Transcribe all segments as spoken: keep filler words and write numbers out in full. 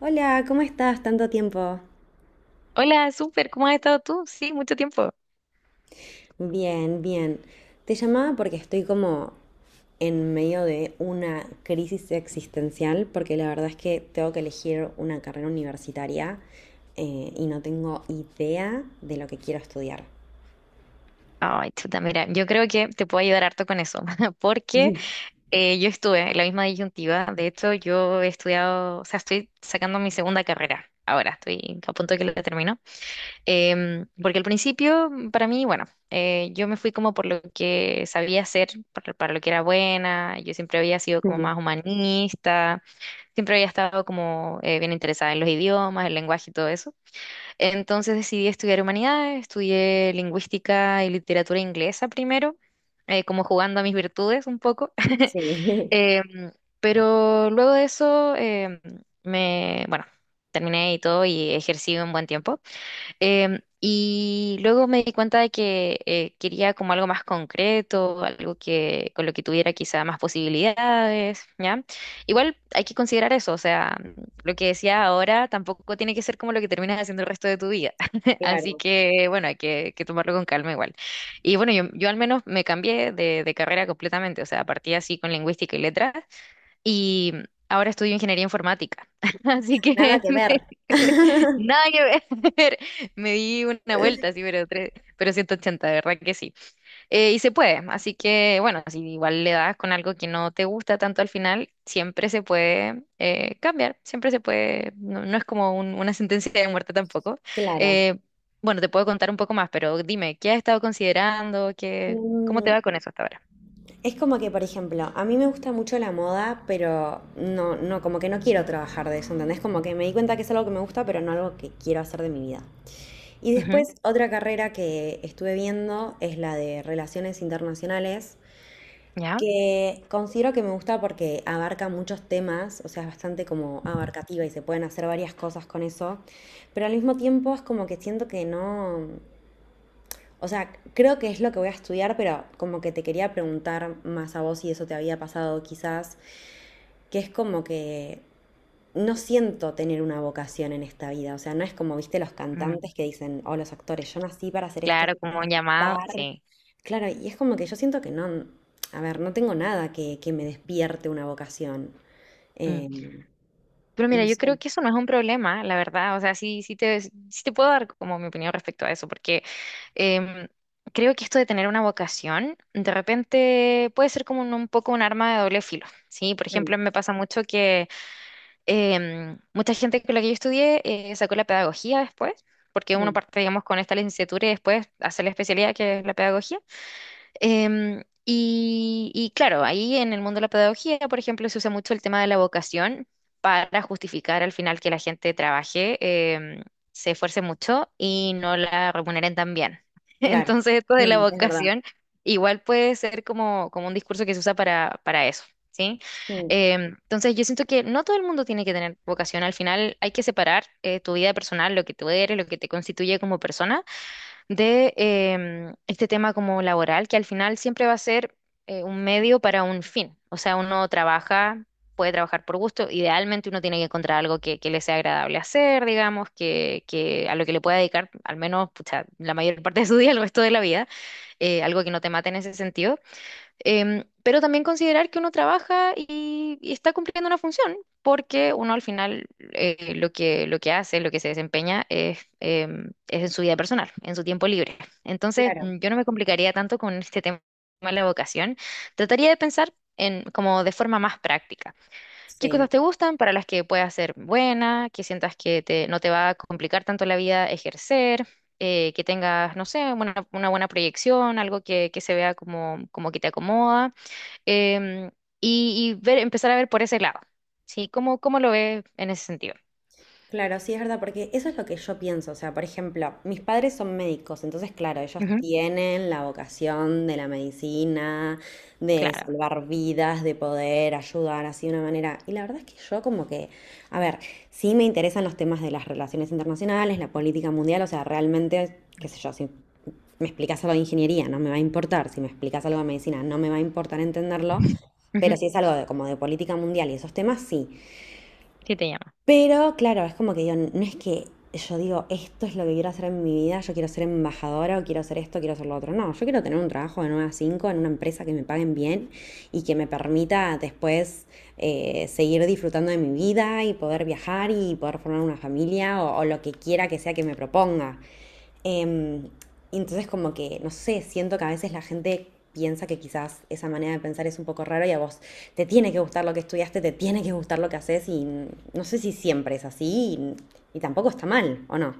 Hola, ¿cómo estás? Tanto tiempo. Hola, súper, ¿cómo has estado tú? Sí, mucho tiempo. Bien, bien. Te llamaba porque estoy como en medio de una crisis existencial, porque la verdad es que tengo que elegir una carrera universitaria, eh, y no tengo idea de lo que quiero estudiar. Ay, chuta, mira, yo creo que te puedo ayudar harto con eso, porque Ujú. eh, yo estuve en la misma disyuntiva. De hecho, yo he estudiado, o sea, estoy sacando mi segunda carrera. Ahora estoy a punto de que la termino. Em, porque al principio, para mí, bueno, eh, yo me fui como por lo que sabía hacer, por- para lo que era buena. Yo siempre había sido como más humanista, siempre había estado como eh, bien interesada en los idiomas, el lenguaje y todo eso. Entonces decidí estudiar humanidades, estudié lingüística y literatura inglesa primero, eh, como jugando a mis virtudes un poco. Sí, Em, pero luego de eso, em, me, bueno, terminé y todo y ejercí un buen tiempo. Em, y luego me di cuenta de que eh, quería como algo más concreto, algo que con lo que tuviera quizá más posibilidades, ¿ya? Igual hay que considerar eso, o sea, lo que decía ahora tampoco tiene que ser como lo que terminas haciendo el resto de tu vida. Así claro. que, bueno, hay que, que tomarlo con calma igual. Y bueno, yo, yo al menos me cambié de, de carrera completamente, o sea, partí así con lingüística y letras y ahora estudio ingeniería informática. Así Nada que que me- ver. me- nada que ver. Me di una vuelta, así, pero, tres- pero ciento ochenta de verdad que sí. Eh, y se puede, así que bueno, si igual le das con algo que no te gusta tanto al final, siempre se puede eh, cambiar, siempre se puede, no, no es como un- una sentencia de muerte tampoco. Claro. Eh, bueno, te puedo contar un poco más, pero dime, ¿qué has estado considerando? ¿Qué, cómo te Em, va con eso hasta ahora? Es como que, por ejemplo, a mí me gusta mucho la moda, pero no, no, como que no quiero trabajar de eso, ¿entendés? Como que me di cuenta que es algo que me gusta, pero no algo que quiero hacer de mi vida. Y Ujú. después, otra carrera que estuve viendo es la de Relaciones Internacionales, ¿Ya? que considero que me gusta porque abarca muchos temas, o sea, es bastante como abarcativa y se pueden hacer varias cosas con eso, pero al mismo tiempo es como que siento que no, o sea, creo que es lo que voy a estudiar, pero como que te quería preguntar más a vos si eso te había pasado quizás, que es como que no siento tener una vocación en esta vida. O sea, no es como, viste, los Mm, cantantes que dicen, o los actores, yo nací para hacer esto, claro, yo quiero como un llamado, cantar. sí. Claro, y es como que yo siento que no, a ver, no tengo nada que, que me despierte una vocación. Mm. Eh, Pero mira, no yo sé. creo que eso no es un problema, la verdad. O sea, sí, sí te, sí te puedo dar como mi opinión respecto a eso, porque em, creo que esto de tener una vocación, de repente puede ser como un, un poco un arma de doble filo, ¿sí? Por Mm, ejemplo, me pasa mucho que em, mucha gente con la que yo estudié eh, sacó la pedagogía después, porque uno mm, parte, digamos, con esta licenciatura y después hace la especialidad que es la pedagogía. Em, y, y claro, ahí en el mundo de la pedagogía, por ejemplo, se usa mucho el tema de la vocación para justificar al final que la gente trabaje, em, se esfuerce mucho y no la remuneren tan bien. claro. Entonces, esto de la Mm, es verdad. vocación igual puede ser como, como un discurso que se usa para, para eso. ¿Sí? Mm, Em, entonces yo siento que no todo el mundo tiene que tener vocación. Al final hay que separar eh, tu vida personal, lo que tú eres, lo que te constituye como persona, de em, este tema como laboral, que al final siempre va a ser eh, un medio para un fin. O sea, uno trabaja, puede trabajar por gusto, idealmente uno tiene que encontrar algo que, que le sea agradable hacer, digamos, que, que a lo que le pueda dedicar al menos pucha, la mayor parte de su día, el resto de la vida, eh, algo que no te mate en ese sentido. Em, pero también considerar que uno trabaja y, y está cumpliendo una función, porque uno al final eh, lo que, lo que hace, lo que se desempeña es, em, es en su vida personal, en su tiempo libre. Entonces, claro, mm, yo no me complicaría tanto con este tema de la vocación. Trataría de pensar en, como de forma más práctica qué cosas sí. te gustan para las que puedas ser buena, que sientas que te, no te va a complicar tanto la vida ejercer, eh, que tengas, no sé, una, una buena proyección, algo que, que se vea como, como que te acomoda, em, y, y ver, empezar a ver por ese lado, ¿sí? ¿Cómo, cómo lo ves en ese sentido? Claro, sí es verdad, porque eso es lo que yo pienso. O sea, por ejemplo, mis padres son médicos, entonces, claro, ellos Ujú, tienen la vocación de la medicina, de claro. salvar vidas, de poder ayudar así de una manera. Y la verdad es que yo como que, a ver, sí me interesan los temas de las relaciones internacionales, la política mundial, o sea, realmente, qué sé yo, si me explicas algo de ingeniería, no me va a importar, si me explicas algo de medicina, no me va a importar entenderlo. Pero Ujú, si es algo de, como de política mundial y esos temas, sí. sí, te llama. Pero claro, es como que yo, no es que yo digo, esto es lo que quiero hacer en mi vida, yo quiero ser embajadora o quiero hacer esto, quiero hacer lo otro. No, yo quiero tener un trabajo de nueve a cinco en una empresa que me paguen bien y que me permita después, eh, seguir disfrutando de mi vida y poder viajar y poder formar una familia o, o lo que quiera que sea que me proponga. Em, y entonces como que, no sé, siento que a veces la gente piensa que quizás esa manera de pensar es un poco raro y a vos te tiene que gustar lo que estudiaste, te tiene que gustar lo que haces y no sé si siempre es así y, y tampoco está mal, ¿o no?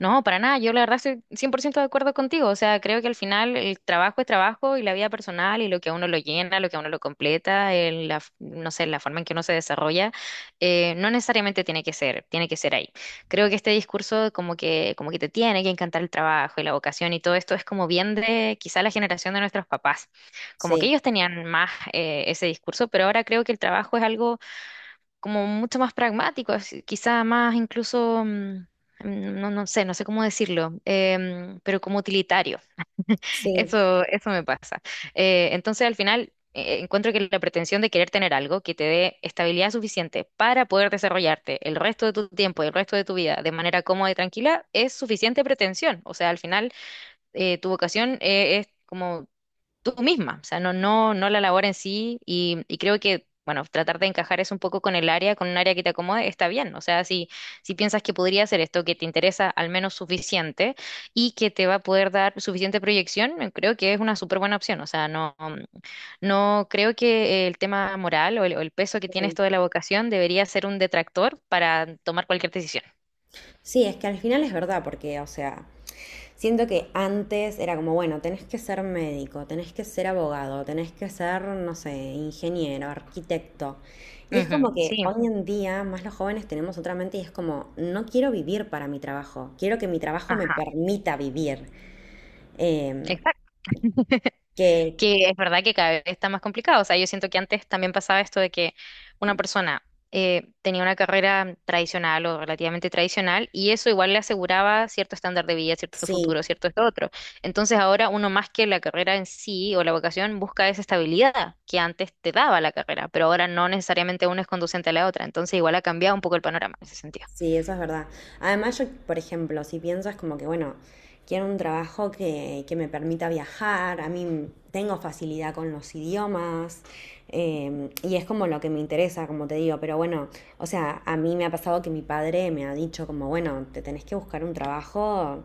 No, para nada. Yo la verdad estoy cien por ciento de acuerdo contigo. O sea, creo que al final el trabajo es trabajo y la vida personal y lo que a uno lo llena, lo que a uno lo completa, el- la, f- no sé, la forma en que uno se desarrolla, eh, no necesariamente tiene que ser, tiene que ser ahí. Creo que este discurso como que, como que te tiene que encantar el trabajo y la vocación y todo esto es como bien de quizá la generación de nuestros papás. Como que Sí, ellos tenían más eh, ese discurso, pero ahora creo que el trabajo es algo como mucho más pragmático, así, quizá más incluso, mm, mm, no, no sé, no sé cómo decirlo, em, pero como utilitario. sí. Eso, eso me pasa. Eh, entonces, al final, eh, encuentro que la pretensión de querer tener algo que te dé estabilidad suficiente para poder desarrollarte el resto de tu tiempo y el resto de tu vida de manera cómoda y tranquila es suficiente pretensión. O sea, al final, eh, tu vocación, eh, es como tú misma, o sea, no, no, no la labor en sí y, y creo que, bueno, tratar de encajar eso un poco con el área, con un área que te acomode, está bien, o sea, si, si piensas que podría hacer esto, que te interesa al menos suficiente y que te va a poder dar suficiente proyección, eh, creo que es una súper buena opción, o sea, no, no creo que el tema moral o el, o el peso que tiene esto de la vocación debería ser un detractor para tomar cualquier decisión. Sí, es que al final es verdad, porque, o sea, siento que antes era como, bueno, tenés que ser médico, tenés que ser abogado, tenés que ser, no sé, ingeniero, arquitecto. Y es Ujú, como que sí, hoy en día más los jóvenes tenemos otra mente y es como, no quiero vivir para mi trabajo, quiero que mi trabajo me ajá, permita vivir. Em, exacto. que Que es verdad que cada vez está más complicado. O sea, yo siento que antes también pasaba esto de que una persona eh, tenía una carrera tradicional o relativamente tradicional y eso igual le aseguraba cierto estándar de vida, cierto sí. futuro, cierto esto otro. Entonces ahora uno más que la carrera en sí o la vocación busca esa estabilidad que antes te daba la carrera, pero ahora no necesariamente una es conducente a la otra. Entonces igual ha cambiado un poco el panorama en ese sentido. Sí, eso es verdad. Además, yo, por ejemplo, si piensas como que, bueno, quiero un trabajo que, que me permita viajar, a mí tengo facilidad con los idiomas, eh, y es como lo que me interesa, como te digo, pero bueno, o sea, a mí me ha pasado que mi padre me ha dicho como, bueno, te tenés que buscar un trabajo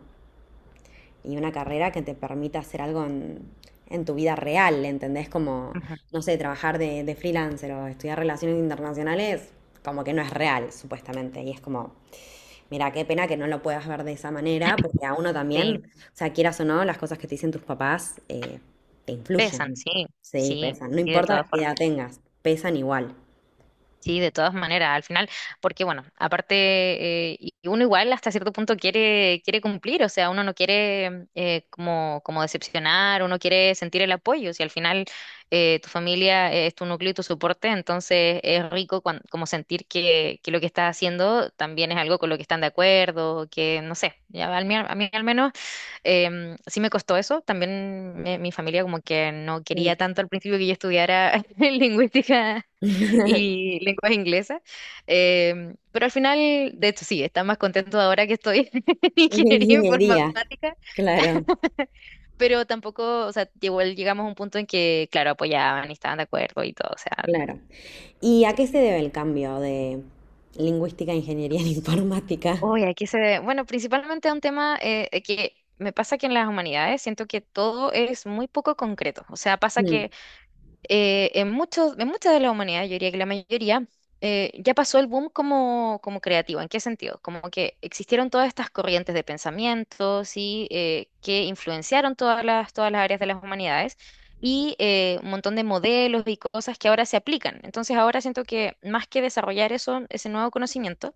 y una carrera que te permita hacer algo en, en tu vida real, ¿entendés? Como, Ujú. no sé, trabajar de, de freelancer o estudiar relaciones internacionales, como que no es real, supuestamente, y es como... Mira, qué pena que no lo puedas ver de esa manera, porque a uno también, Sí, o sea, quieras o no, las cosas que te dicen tus papás, eh, te pesan, influyen. sí, Sí, sí, pesan. No y de importa todas qué formas. edad tengas, pesan igual. Sí, de todas maneras, al final, porque bueno, aparte, eh, y y uno igual hasta cierto punto quiere, quiere cumplir, o sea, uno no quiere eh, como, como decepcionar, uno quiere sentir el apoyo, si al final eh, tu familia es tu núcleo y tu soporte, entonces es rico cuan- como sentir que, que lo que estás haciendo también es algo con lo que están de acuerdo, que no sé, ya, a mí, a mí al menos em, sí me costó eso, también eh, mi familia como que no Mm. quería tanto al principio que yo estudiara lingüística y lenguas inglesas. Em, pero al final, de hecho, sí, está más contento ahora que estoy en Es de ingeniería Ingeniería. informática, Claro, pero tampoco, o sea, igual llegamos a un punto en que, claro, apoyaban y estaban de acuerdo y todo, o sea, claro. ¿Y a qué se debe el cambio de lingüística a ingeniería en informática? uy, aquí se ve, bueno, principalmente a un tema eh, eh, que me pasa que en las humanidades siento que todo es muy poco concreto, o sea, pasa Mm, que eh, en muchos, en mucha de la humanidad, yo diría que la mayoría, eh, ya pasó el boom como, como creativo. ¿En qué sentido? Como que existieron todas estas corrientes de pensamientos y eh, que influenciaron todas las, todas las áreas de las humanidades y eh, un montón de modelos y cosas que ahora se aplican. Entonces ahora siento que más que desarrollar eso, ese nuevo conocimiento,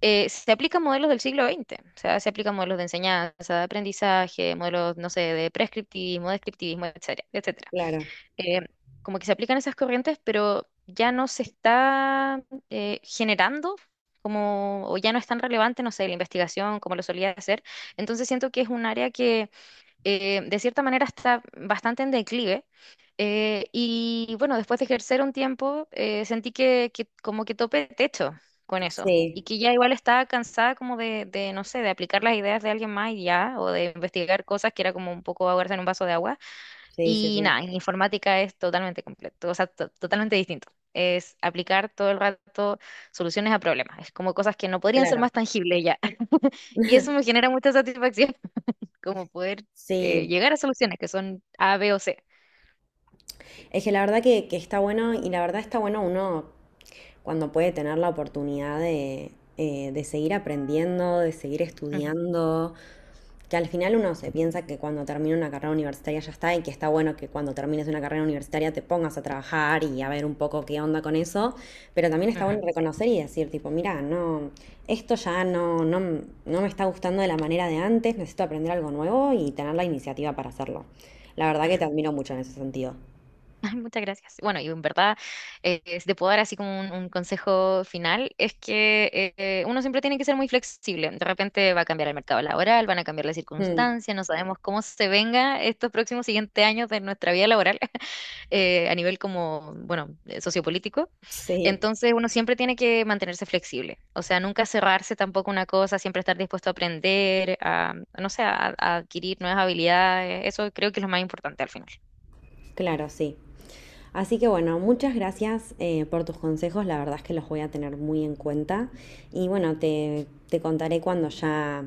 eh, se aplican modelos del siglo veinte. O sea, se aplican modelos de enseñanza, de aprendizaje, modelos, no sé, de prescriptivismo, descriptivismo, etcétera, etcétera claro, eh, como que se aplican esas corrientes, pero ya no se está eh, generando como, o ya no es tan relevante, no sé, la investigación como lo solía hacer. Entonces siento que es un área que eh, de cierta manera está bastante en declive. Eh, y bueno, después de ejercer un tiempo, eh, sentí que, que como que topé techo con eso. Y sí, que ya igual estaba cansada como de, de, no sé, de aplicar las ideas de alguien más y ya, o de investigar cosas que era como un poco ahogarse en un vaso de agua. sí, sí, Y sí, nada, en informática es totalmente completo, o sea, to- totalmente distinto. Es aplicar todo el rato soluciones a problemas. Es como cosas que no podrían ser claro. más tangibles ya. Y eso me genera mucha satisfacción, como poder eh, Sí, llegar a soluciones que son A, B o C. es que la verdad que, que está bueno y la verdad está bueno uno cuando puede tener la oportunidad de, eh, de seguir aprendiendo, de seguir Ujú, estudiando, que al final uno se piensa que cuando termina una carrera universitaria ya está y que está bueno que cuando termines una carrera universitaria te pongas a trabajar y a ver un poco qué onda con eso, pero también está bueno ujú, sí, reconocer y decir tipo, mira, no, esto ya no, no, no me está gustando de la manera de antes, necesito aprender algo nuevo y tener la iniciativa para hacerlo. La verdad que te ujú. admiro mucho en ese sentido. Ay, muchas gracias. Bueno, y en verdad, eh, si te puedo dar así como un, un consejo final, es que eh, uno siempre tiene que ser muy flexible. De repente va a cambiar el mercado laboral, van a cambiar las Mm, circunstancias, no sabemos cómo se venga estos próximos siguientes años de nuestra vida laboral eh, a nivel como, bueno, eh, sociopolítico. sí. Entonces, uno siempre tiene que mantenerse flexible. O sea, nunca cerrarse tampoco una cosa, siempre estar dispuesto a aprender, a, no sé, a a adquirir nuevas habilidades. Eso creo que es lo más importante al final. Claro, sí. Así que bueno, muchas gracias, eh, por tus consejos, la verdad es que los voy a tener muy en cuenta y bueno, te, te contaré cuando ya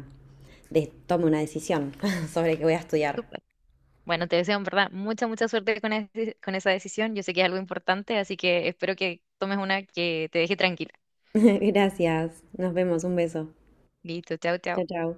de- tome una decisión sobre qué voy a estudiar. Súper. Bueno, te deseo en verdad mucha, mucha suerte con, ese- con esa decisión. Yo sé que es algo importante, así que espero que tomes una que te deje tranquila. Gracias, nos vemos, un beso. Listo, chao, chao. Chao, chao.